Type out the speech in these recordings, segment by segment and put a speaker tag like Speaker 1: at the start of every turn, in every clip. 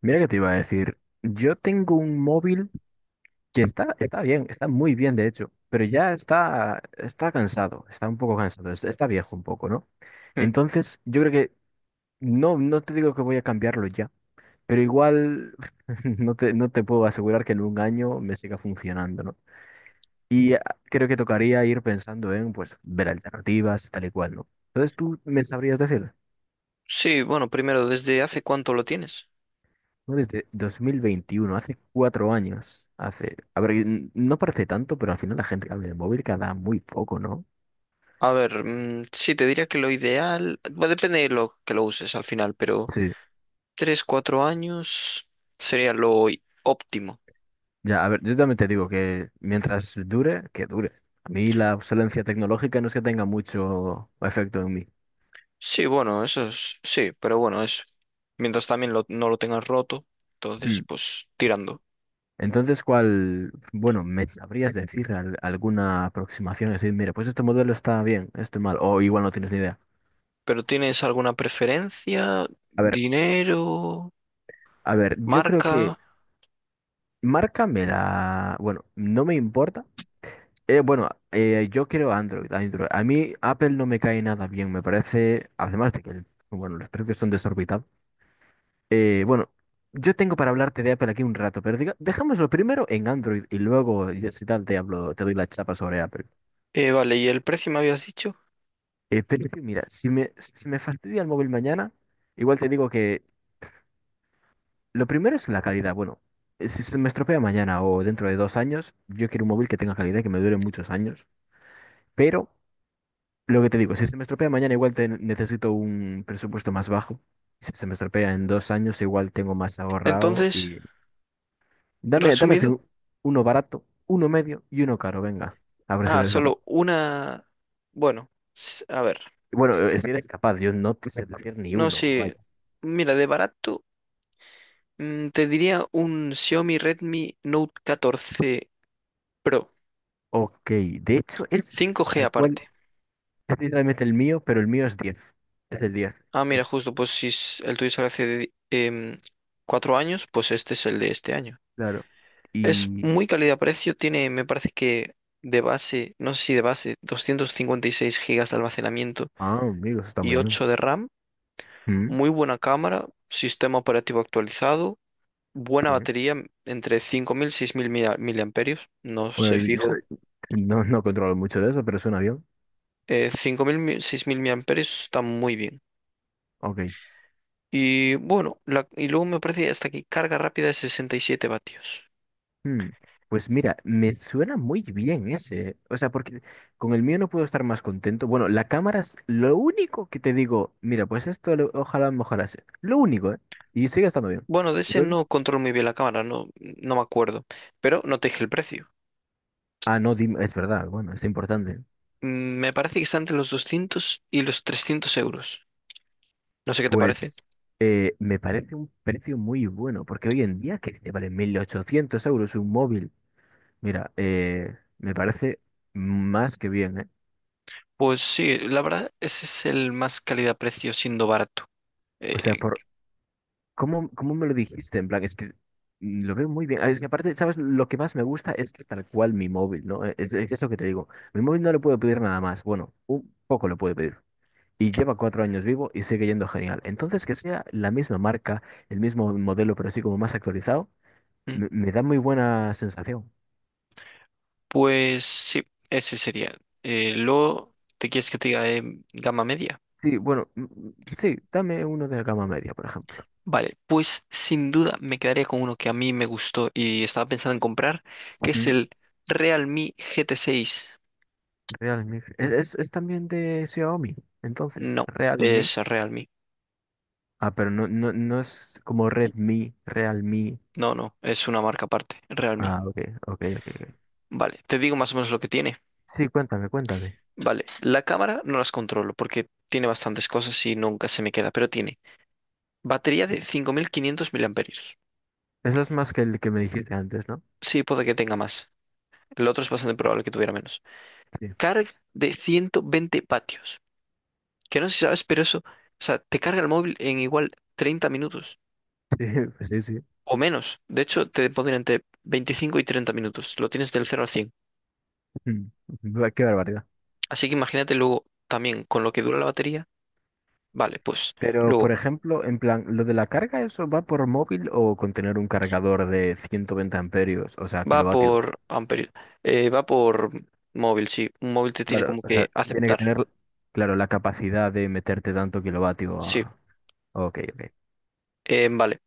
Speaker 1: Mira que te iba a decir, yo tengo un móvil que está bien, está muy bien de hecho, pero ya está cansado, está un poco cansado, está viejo un poco, ¿no?
Speaker 2: Mm.
Speaker 1: Entonces, yo creo que no te digo que voy a cambiarlo ya, pero igual no te puedo asegurar que en un año me siga funcionando, ¿no? Y creo que tocaría ir pensando en, pues, ver alternativas y tal y cual, ¿no? Entonces, ¿tú me sabrías decir?
Speaker 2: Sí, bueno, primero, ¿desde hace cuánto lo tienes?
Speaker 1: No, desde 2021 hace 4 años. Hace, a ver, no parece tanto, pero al final la gente que habla de móvil cada muy poco, ¿no?
Speaker 2: A ver, sí, te diría que lo ideal, bueno, depende de lo que lo uses al final, pero
Speaker 1: Sí.
Speaker 2: tres, cuatro años sería lo óptimo.
Speaker 1: Ya, a ver, yo también te digo que mientras dure, que dure. A mí la obsolencia tecnológica no es que tenga mucho efecto en mí.
Speaker 2: Sí, bueno, eso es, sí, pero bueno, eso. Mientras también no lo tengas roto,
Speaker 1: Hmm.
Speaker 2: entonces, pues tirando.
Speaker 1: Entonces, ¿cuál, bueno, me sabrías decir alguna aproximación? Es decir, mira, pues este modelo está bien, este mal, o igual no tienes ni idea.
Speaker 2: ¿Pero tienes alguna preferencia?
Speaker 1: A ver,
Speaker 2: ¿Dinero?
Speaker 1: a ver, yo creo que
Speaker 2: ¿Marca?
Speaker 1: márcame la, bueno, no me importa. Bueno, yo quiero Android, Android. A mí Apple no me cae nada bien, me parece, además de que, bueno, los precios son desorbitados. Bueno, yo tengo para hablarte de Apple aquí un rato, pero diga, dejámoslo primero en Android y luego, ya si tal, te hablo, te doy la chapa sobre Apple.
Speaker 2: Vale, ¿y el precio me habías dicho?
Speaker 1: Pero es que, mira, si me fastidia el móvil mañana, igual te digo que lo primero es la calidad. Bueno, si se me estropea mañana o dentro de 2 años, yo quiero un móvil que tenga calidad, que me dure muchos años, pero... Lo que te digo, si se me estropea mañana, igual necesito un presupuesto más bajo. Si se me estropea en 2 años, igual tengo más ahorrado.
Speaker 2: Entonces,
Speaker 1: Y dame así
Speaker 2: resumido.
Speaker 1: uno barato, uno medio y uno caro, venga. A ver si
Speaker 2: Ah,
Speaker 1: eres capaz.
Speaker 2: solo una. Bueno, a ver.
Speaker 1: Bueno, si eres capaz, yo no te sé decir ni
Speaker 2: No
Speaker 1: uno,
Speaker 2: sé.
Speaker 1: vaya.
Speaker 2: Mira, de barato, te diría un Xiaomi Redmi Note 14 Pro.
Speaker 1: Ok, de hecho es
Speaker 2: 5G
Speaker 1: tal cual,
Speaker 2: aparte.
Speaker 1: es literalmente el mío, pero el mío es 10. Es el 10
Speaker 2: Ah, mira,
Speaker 1: es
Speaker 2: justo, pues si el tuyo sale hace cuatro años, pues este es el de este año.
Speaker 1: claro.
Speaker 2: Es
Speaker 1: Y...
Speaker 2: muy calidad-precio, tiene, me parece que de base, no sé si de base, 256 gigas de almacenamiento
Speaker 1: Ah, amigos, está
Speaker 2: y
Speaker 1: muy bien.
Speaker 2: 8 de RAM.
Speaker 1: Mm.
Speaker 2: Muy buena cámara, sistema operativo actualizado. Buena
Speaker 1: Sí.
Speaker 2: batería, entre 5.000 y 6.000 miliamperios, no
Speaker 1: Bueno,
Speaker 2: sé
Speaker 1: y yo
Speaker 2: fijo.
Speaker 1: no controlo mucho de eso, pero es un avión.
Speaker 2: Cinco mil 6.000 miliamperios está muy bien.
Speaker 1: Ok.
Speaker 2: Y bueno, y luego me parece hasta aquí carga rápida de 67 vatios.
Speaker 1: Hmm, Pues mira, me suena muy bien ese. O sea, porque con el mío no puedo estar más contento. Bueno, la cámara es lo único que te digo. Mira, pues esto ojalá mejorase. Lo único, ¿eh? Y sigue estando bien.
Speaker 2: Bueno, de ese
Speaker 1: Entonces,
Speaker 2: no controlo muy bien la cámara, no, no me acuerdo, pero no te dije el precio.
Speaker 1: no, dime, es verdad, bueno, es importante.
Speaker 2: Me parece que está entre los 200 y los 300 euros. No sé qué te parece.
Speaker 1: Pues me parece un precio muy bueno, porque hoy en día que te vale 1.800 euros un móvil. Mira, me parece más que bien, ¿eh?
Speaker 2: Pues sí, la verdad, ese es el más calidad-precio siendo barato.
Speaker 1: O sea,
Speaker 2: Eh,
Speaker 1: por ¿cómo me lo dijiste? En plan, es que lo veo muy bien. Ah, es que aparte, ¿sabes? Lo que más me gusta es que es tal cual mi móvil, ¿no? Es eso que te digo. Mi móvil no le puedo pedir nada más. Bueno, un poco le puedo pedir. Y lleva 4 años vivo y sigue yendo genial. Entonces, que sea la misma marca, el mismo modelo, pero sí como más actualizado, me da muy buena sensación.
Speaker 2: Pues sí, ese sería. Luego, ¿te quieres que te diga de gama media?
Speaker 1: Sí, bueno, sí, dame uno de la gama media, por ejemplo.
Speaker 2: Vale, pues sin duda me quedaría con uno que a mí me gustó y estaba pensando en comprar, que es
Speaker 1: Mm,
Speaker 2: el Realme GT6.
Speaker 1: Realme. Es también de Xiaomi, entonces,
Speaker 2: No,
Speaker 1: Realme.
Speaker 2: es Realme.
Speaker 1: Ah, pero no, no, no es como Redmi, Realme.
Speaker 2: No, no, es una marca aparte, Realme.
Speaker 1: Ah, ok, ok, ok. Ok.
Speaker 2: Vale, te digo más o menos lo que tiene.
Speaker 1: Sí, cuéntame, cuéntame.
Speaker 2: Vale, la cámara no las controlo porque tiene bastantes cosas y nunca se me queda, pero tiene batería de 5.500 miliamperios.
Speaker 1: Eso es más que el que me dijiste antes, ¿no?
Speaker 2: Sí, puede que tenga más. El otro es bastante probable que tuviera menos.
Speaker 1: Sí, sí,
Speaker 2: Carga de 120 vatios, que no sé si sabes, pero eso, o sea, te carga el móvil en igual 30 minutos
Speaker 1: pues sí, sí.
Speaker 2: o menos. De hecho, te pondría entre 25 y 30 minutos. Lo tienes del cero al 100.
Speaker 1: Mm, Va, qué barbaridad.
Speaker 2: Así que imagínate luego también con lo que dura la batería. Vale, pues
Speaker 1: Pero, por
Speaker 2: luego
Speaker 1: ejemplo, en plan, ¿lo de la carga, eso va por móvil o con tener un cargador de 120 amperios, o sea,
Speaker 2: va
Speaker 1: kilovatios?
Speaker 2: por amperios, va por móvil, sí. Un móvil te tiene
Speaker 1: Claro,
Speaker 2: como
Speaker 1: o sea,
Speaker 2: que
Speaker 1: tiene que
Speaker 2: aceptar.
Speaker 1: tener, claro, la capacidad de meterte tanto kilovatio
Speaker 2: Sí.
Speaker 1: a... Ok, ok.
Speaker 2: Vale.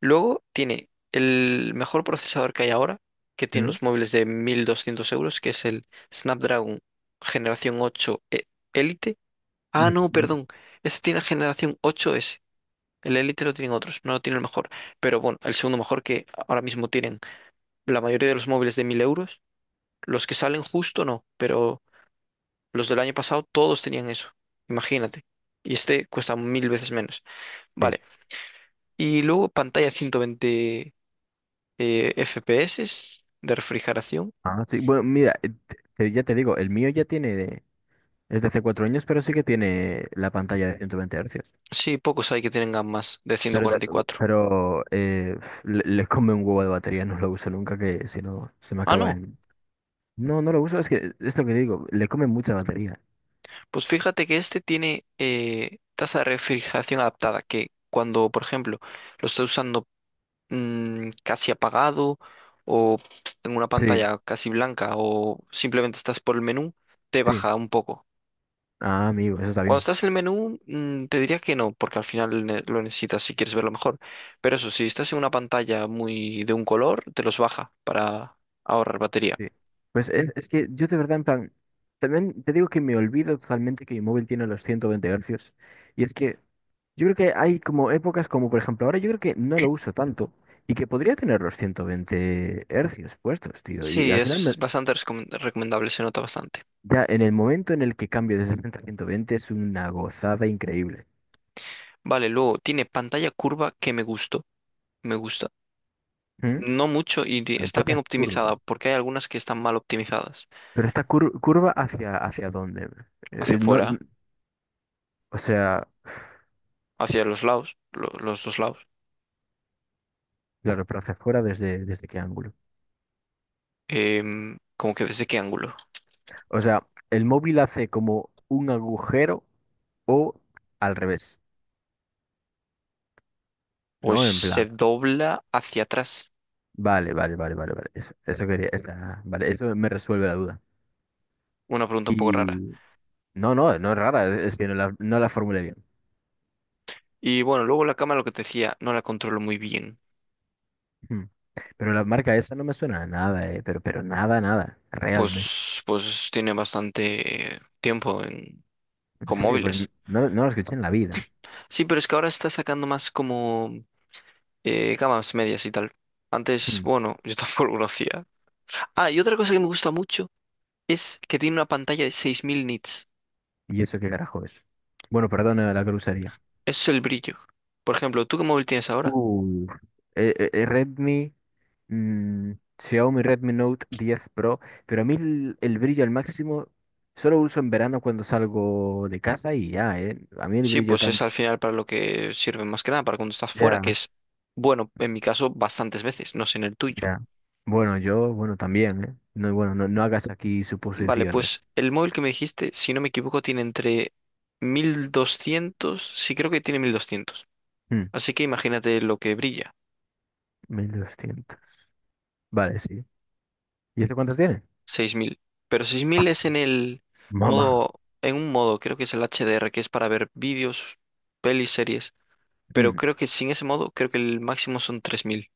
Speaker 2: Luego tiene el mejor procesador que hay ahora, que tiene
Speaker 1: ¿Mm?
Speaker 2: los móviles de 1.200 euros, que es el Snapdragon Generación ocho Elite. Ah, no,
Speaker 1: Mm.
Speaker 2: perdón. Este tiene generación ocho s. El Elite lo tienen otros, no lo tiene el mejor. Pero bueno, el segundo mejor que ahora mismo tienen la mayoría de los móviles de 1.000 euros. Los que salen justo no, pero los del año pasado todos tenían eso. Imagínate. Y este cuesta mil veces menos.
Speaker 1: Sí.
Speaker 2: Vale. Y luego pantalla 120 FPS de refrigeración.
Speaker 1: Ah, sí. Bueno, mira, ya te digo, el mío ya tiene. Es de hace 4 años, pero sí que tiene la pantalla de 120 hercios.
Speaker 2: Sí, pocos hay que tengan más de
Speaker 1: Pero, da-
Speaker 2: 144.
Speaker 1: pero, le come un huevo de batería, no lo uso nunca, que si no se me
Speaker 2: Ah,
Speaker 1: acaba
Speaker 2: no.
Speaker 1: en... No, no lo uso, es que es lo que digo, le come mucha batería.
Speaker 2: Pues fíjate que este tiene tasa de refrigeración adaptada, que cuando, por ejemplo, lo estás usando casi apagado o en una
Speaker 1: Sí,
Speaker 2: pantalla casi blanca o simplemente estás por el menú, te
Speaker 1: sí.
Speaker 2: baja un poco.
Speaker 1: Ah, amigo, eso está
Speaker 2: Cuando
Speaker 1: bien.
Speaker 2: estás en el menú, te diría que no, porque al final lo necesitas si quieres verlo mejor. Pero eso, si estás en una pantalla muy de un color, te los baja para ahorrar batería.
Speaker 1: Sí. Pues es que yo de verdad, en plan, también te digo que me olvido totalmente que mi móvil tiene los 120 hercios. Y es que yo creo que hay como épocas, como por ejemplo ahora, yo creo que no lo uso tanto y que podría tener los 120 hercios puestos, tío. Y
Speaker 2: Sí,
Speaker 1: al final
Speaker 2: es bastante recomendable, se nota bastante.
Speaker 1: ya en el momento en el que cambio de 60 a 120 es una gozada increíble.
Speaker 2: Vale, luego tiene pantalla curva que me gustó, me gusta.
Speaker 1: ¿Mm?
Speaker 2: No mucho y está bien
Speaker 1: Pantallas curvas.
Speaker 2: optimizada, porque hay algunas que están mal optimizadas.
Speaker 1: ¿Pero esta curva hacia dónde?
Speaker 2: Hacia
Speaker 1: No,
Speaker 2: afuera,
Speaker 1: o sea,
Speaker 2: hacia los lados, los dos lados.
Speaker 1: claro, pero ¿hacia afuera desde qué ángulo?
Speaker 2: ¿Cómo que desde qué ángulo?
Speaker 1: O sea, el móvil hace como un agujero o al revés,
Speaker 2: Pues
Speaker 1: ¿no? En
Speaker 2: se
Speaker 1: plan.
Speaker 2: dobla hacia atrás.
Speaker 1: Vale, vale, vale, vale, vale. Eso quería, vale, eso me resuelve la duda.
Speaker 2: Una pregunta un poco rara.
Speaker 1: Y no, no, no es rara, es que no la formulé bien.
Speaker 2: Y bueno, luego la cámara, lo que te decía, no la controlo muy bien.
Speaker 1: Hmm. Pero la marca esa no me suena a nada, pero nada, nada, realmente.
Speaker 2: Pues tiene bastante tiempo
Speaker 1: En
Speaker 2: con
Speaker 1: serio, pues
Speaker 2: móviles.
Speaker 1: no la escuché en la vida.
Speaker 2: Sí, pero es que ahora está sacando más como cámaras medias y tal. Antes,
Speaker 1: Hmm.
Speaker 2: bueno, yo tampoco lo hacía. Ah, y otra cosa que me gusta mucho es que tiene una pantalla de 6.000 nits.
Speaker 1: ¿Y eso qué carajo es? Bueno, perdona la grosería.
Speaker 2: Eso es el brillo. Por ejemplo, ¿tú qué móvil tienes ahora?
Speaker 1: Uh, eh, eh, eh, Redmi, mm, Xiaomi Redmi Note 10 Pro, pero a mí el brillo al máximo solo uso en verano cuando salgo de casa y ya. A mí el
Speaker 2: Sí,
Speaker 1: brillo
Speaker 2: pues es
Speaker 1: tan.
Speaker 2: al final para lo que sirve más que nada, para cuando estás fuera, que
Speaker 1: Ya,
Speaker 2: es, bueno, en mi caso, bastantes veces, no sé en el tuyo.
Speaker 1: ya. Bueno, yo, bueno, también, ¿eh? No, bueno, no hagas aquí
Speaker 2: Vale,
Speaker 1: suposiciones.
Speaker 2: pues el móvil que me dijiste, si no me equivoco, tiene entre 1.200, sí, creo que tiene 1.200.
Speaker 1: Hmm,
Speaker 2: Así que imagínate lo que brilla,
Speaker 1: 1.200. Vale, sí. ¿Y eso cuántos tiene?
Speaker 2: 6.000. Pero 6.000 es en el
Speaker 1: Mamá.
Speaker 2: modo, en un modo, creo que es el HDR, que es para ver vídeos, pelis, series. Pero
Speaker 1: Mm,
Speaker 2: creo que sin ese modo, creo que el máximo son 3.000.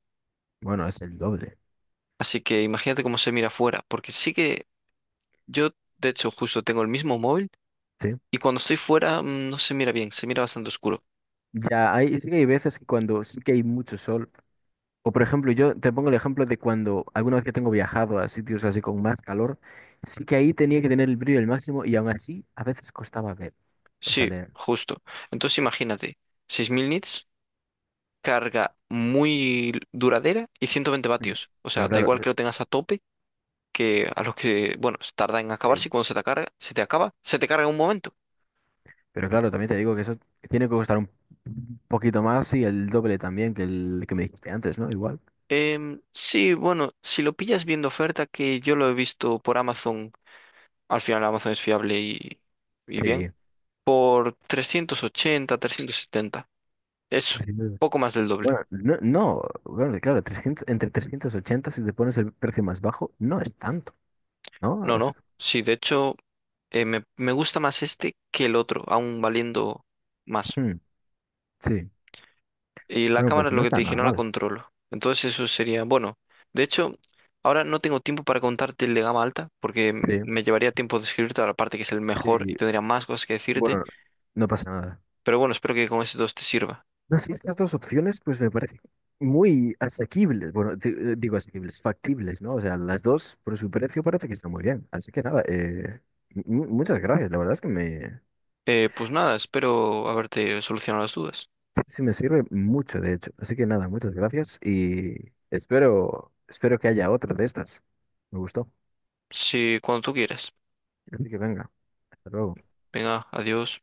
Speaker 1: bueno, es el doble,
Speaker 2: Así que imagínate cómo se mira fuera, porque sí que yo, de hecho, justo tengo el mismo móvil
Speaker 1: ¿sí?
Speaker 2: y cuando estoy fuera no se mira bien, se mira bastante oscuro.
Speaker 1: Ya, hay, sí que hay veces que cuando sí que hay mucho sol, o por ejemplo, yo te pongo el ejemplo de cuando alguna vez que tengo viajado a sitios así con más calor, sí que ahí tenía que tener el brillo al máximo y aún así a veces costaba ver, o sea,
Speaker 2: Sí,
Speaker 1: leer.
Speaker 2: justo. Entonces imagínate, 6.000 nits, carga muy duradera y 120
Speaker 1: Mm,
Speaker 2: vatios. O sea,
Speaker 1: Pero
Speaker 2: da
Speaker 1: claro,
Speaker 2: igual que lo tengas a tope, que a los que, bueno, se tarda en
Speaker 1: sí.
Speaker 2: acabarse y cuando se te carga, se te acaba, se te carga en un momento.
Speaker 1: Pero claro, también te digo que eso tiene que costar un poquito más y el doble también que el que me dijiste antes, ¿no? Igual.
Speaker 2: Sí, bueno, si lo pillas viendo oferta, que yo lo he visto por Amazon, al final Amazon es fiable y bien,
Speaker 1: Sí.
Speaker 2: por 380, 370. Eso,
Speaker 1: 300.
Speaker 2: poco más del doble.
Speaker 1: Bueno, no, no, bueno, claro, 300 entre 380 si te pones el precio más bajo, no es tanto, ¿no?
Speaker 2: No,
Speaker 1: O sea,
Speaker 2: no. Sí, de hecho, me gusta más este que el otro, aún valiendo más.
Speaker 1: hmm, sí.
Speaker 2: Y la
Speaker 1: Bueno,
Speaker 2: cámara
Speaker 1: pues
Speaker 2: es
Speaker 1: no
Speaker 2: lo que
Speaker 1: está
Speaker 2: te dije,
Speaker 1: nada
Speaker 2: no la
Speaker 1: mal.
Speaker 2: controlo. Entonces eso sería, bueno, de hecho, ahora no tengo tiempo para contarte el de gama alta, porque
Speaker 1: Sí,
Speaker 2: me llevaría tiempo describirte la parte que es el mejor
Speaker 1: sí.
Speaker 2: y tendría más cosas que decirte.
Speaker 1: Bueno, no pasa nada.
Speaker 2: Pero bueno, espero que con estos dos te sirva.
Speaker 1: No, sí, estas dos opciones pues me parecen muy asequibles, bueno, digo asequibles, factibles, ¿no? O sea, las dos por su precio parece que están muy bien. Así que nada, muchas gracias, la verdad es que
Speaker 2: Pues nada, espero haberte solucionado las dudas.
Speaker 1: sí, sí me sirve mucho, de hecho. Así que nada, muchas gracias y espero que haya otra de estas. Me gustó.
Speaker 2: Si cuando tú quieras.
Speaker 1: Así que venga, hasta luego.
Speaker 2: Venga, adiós.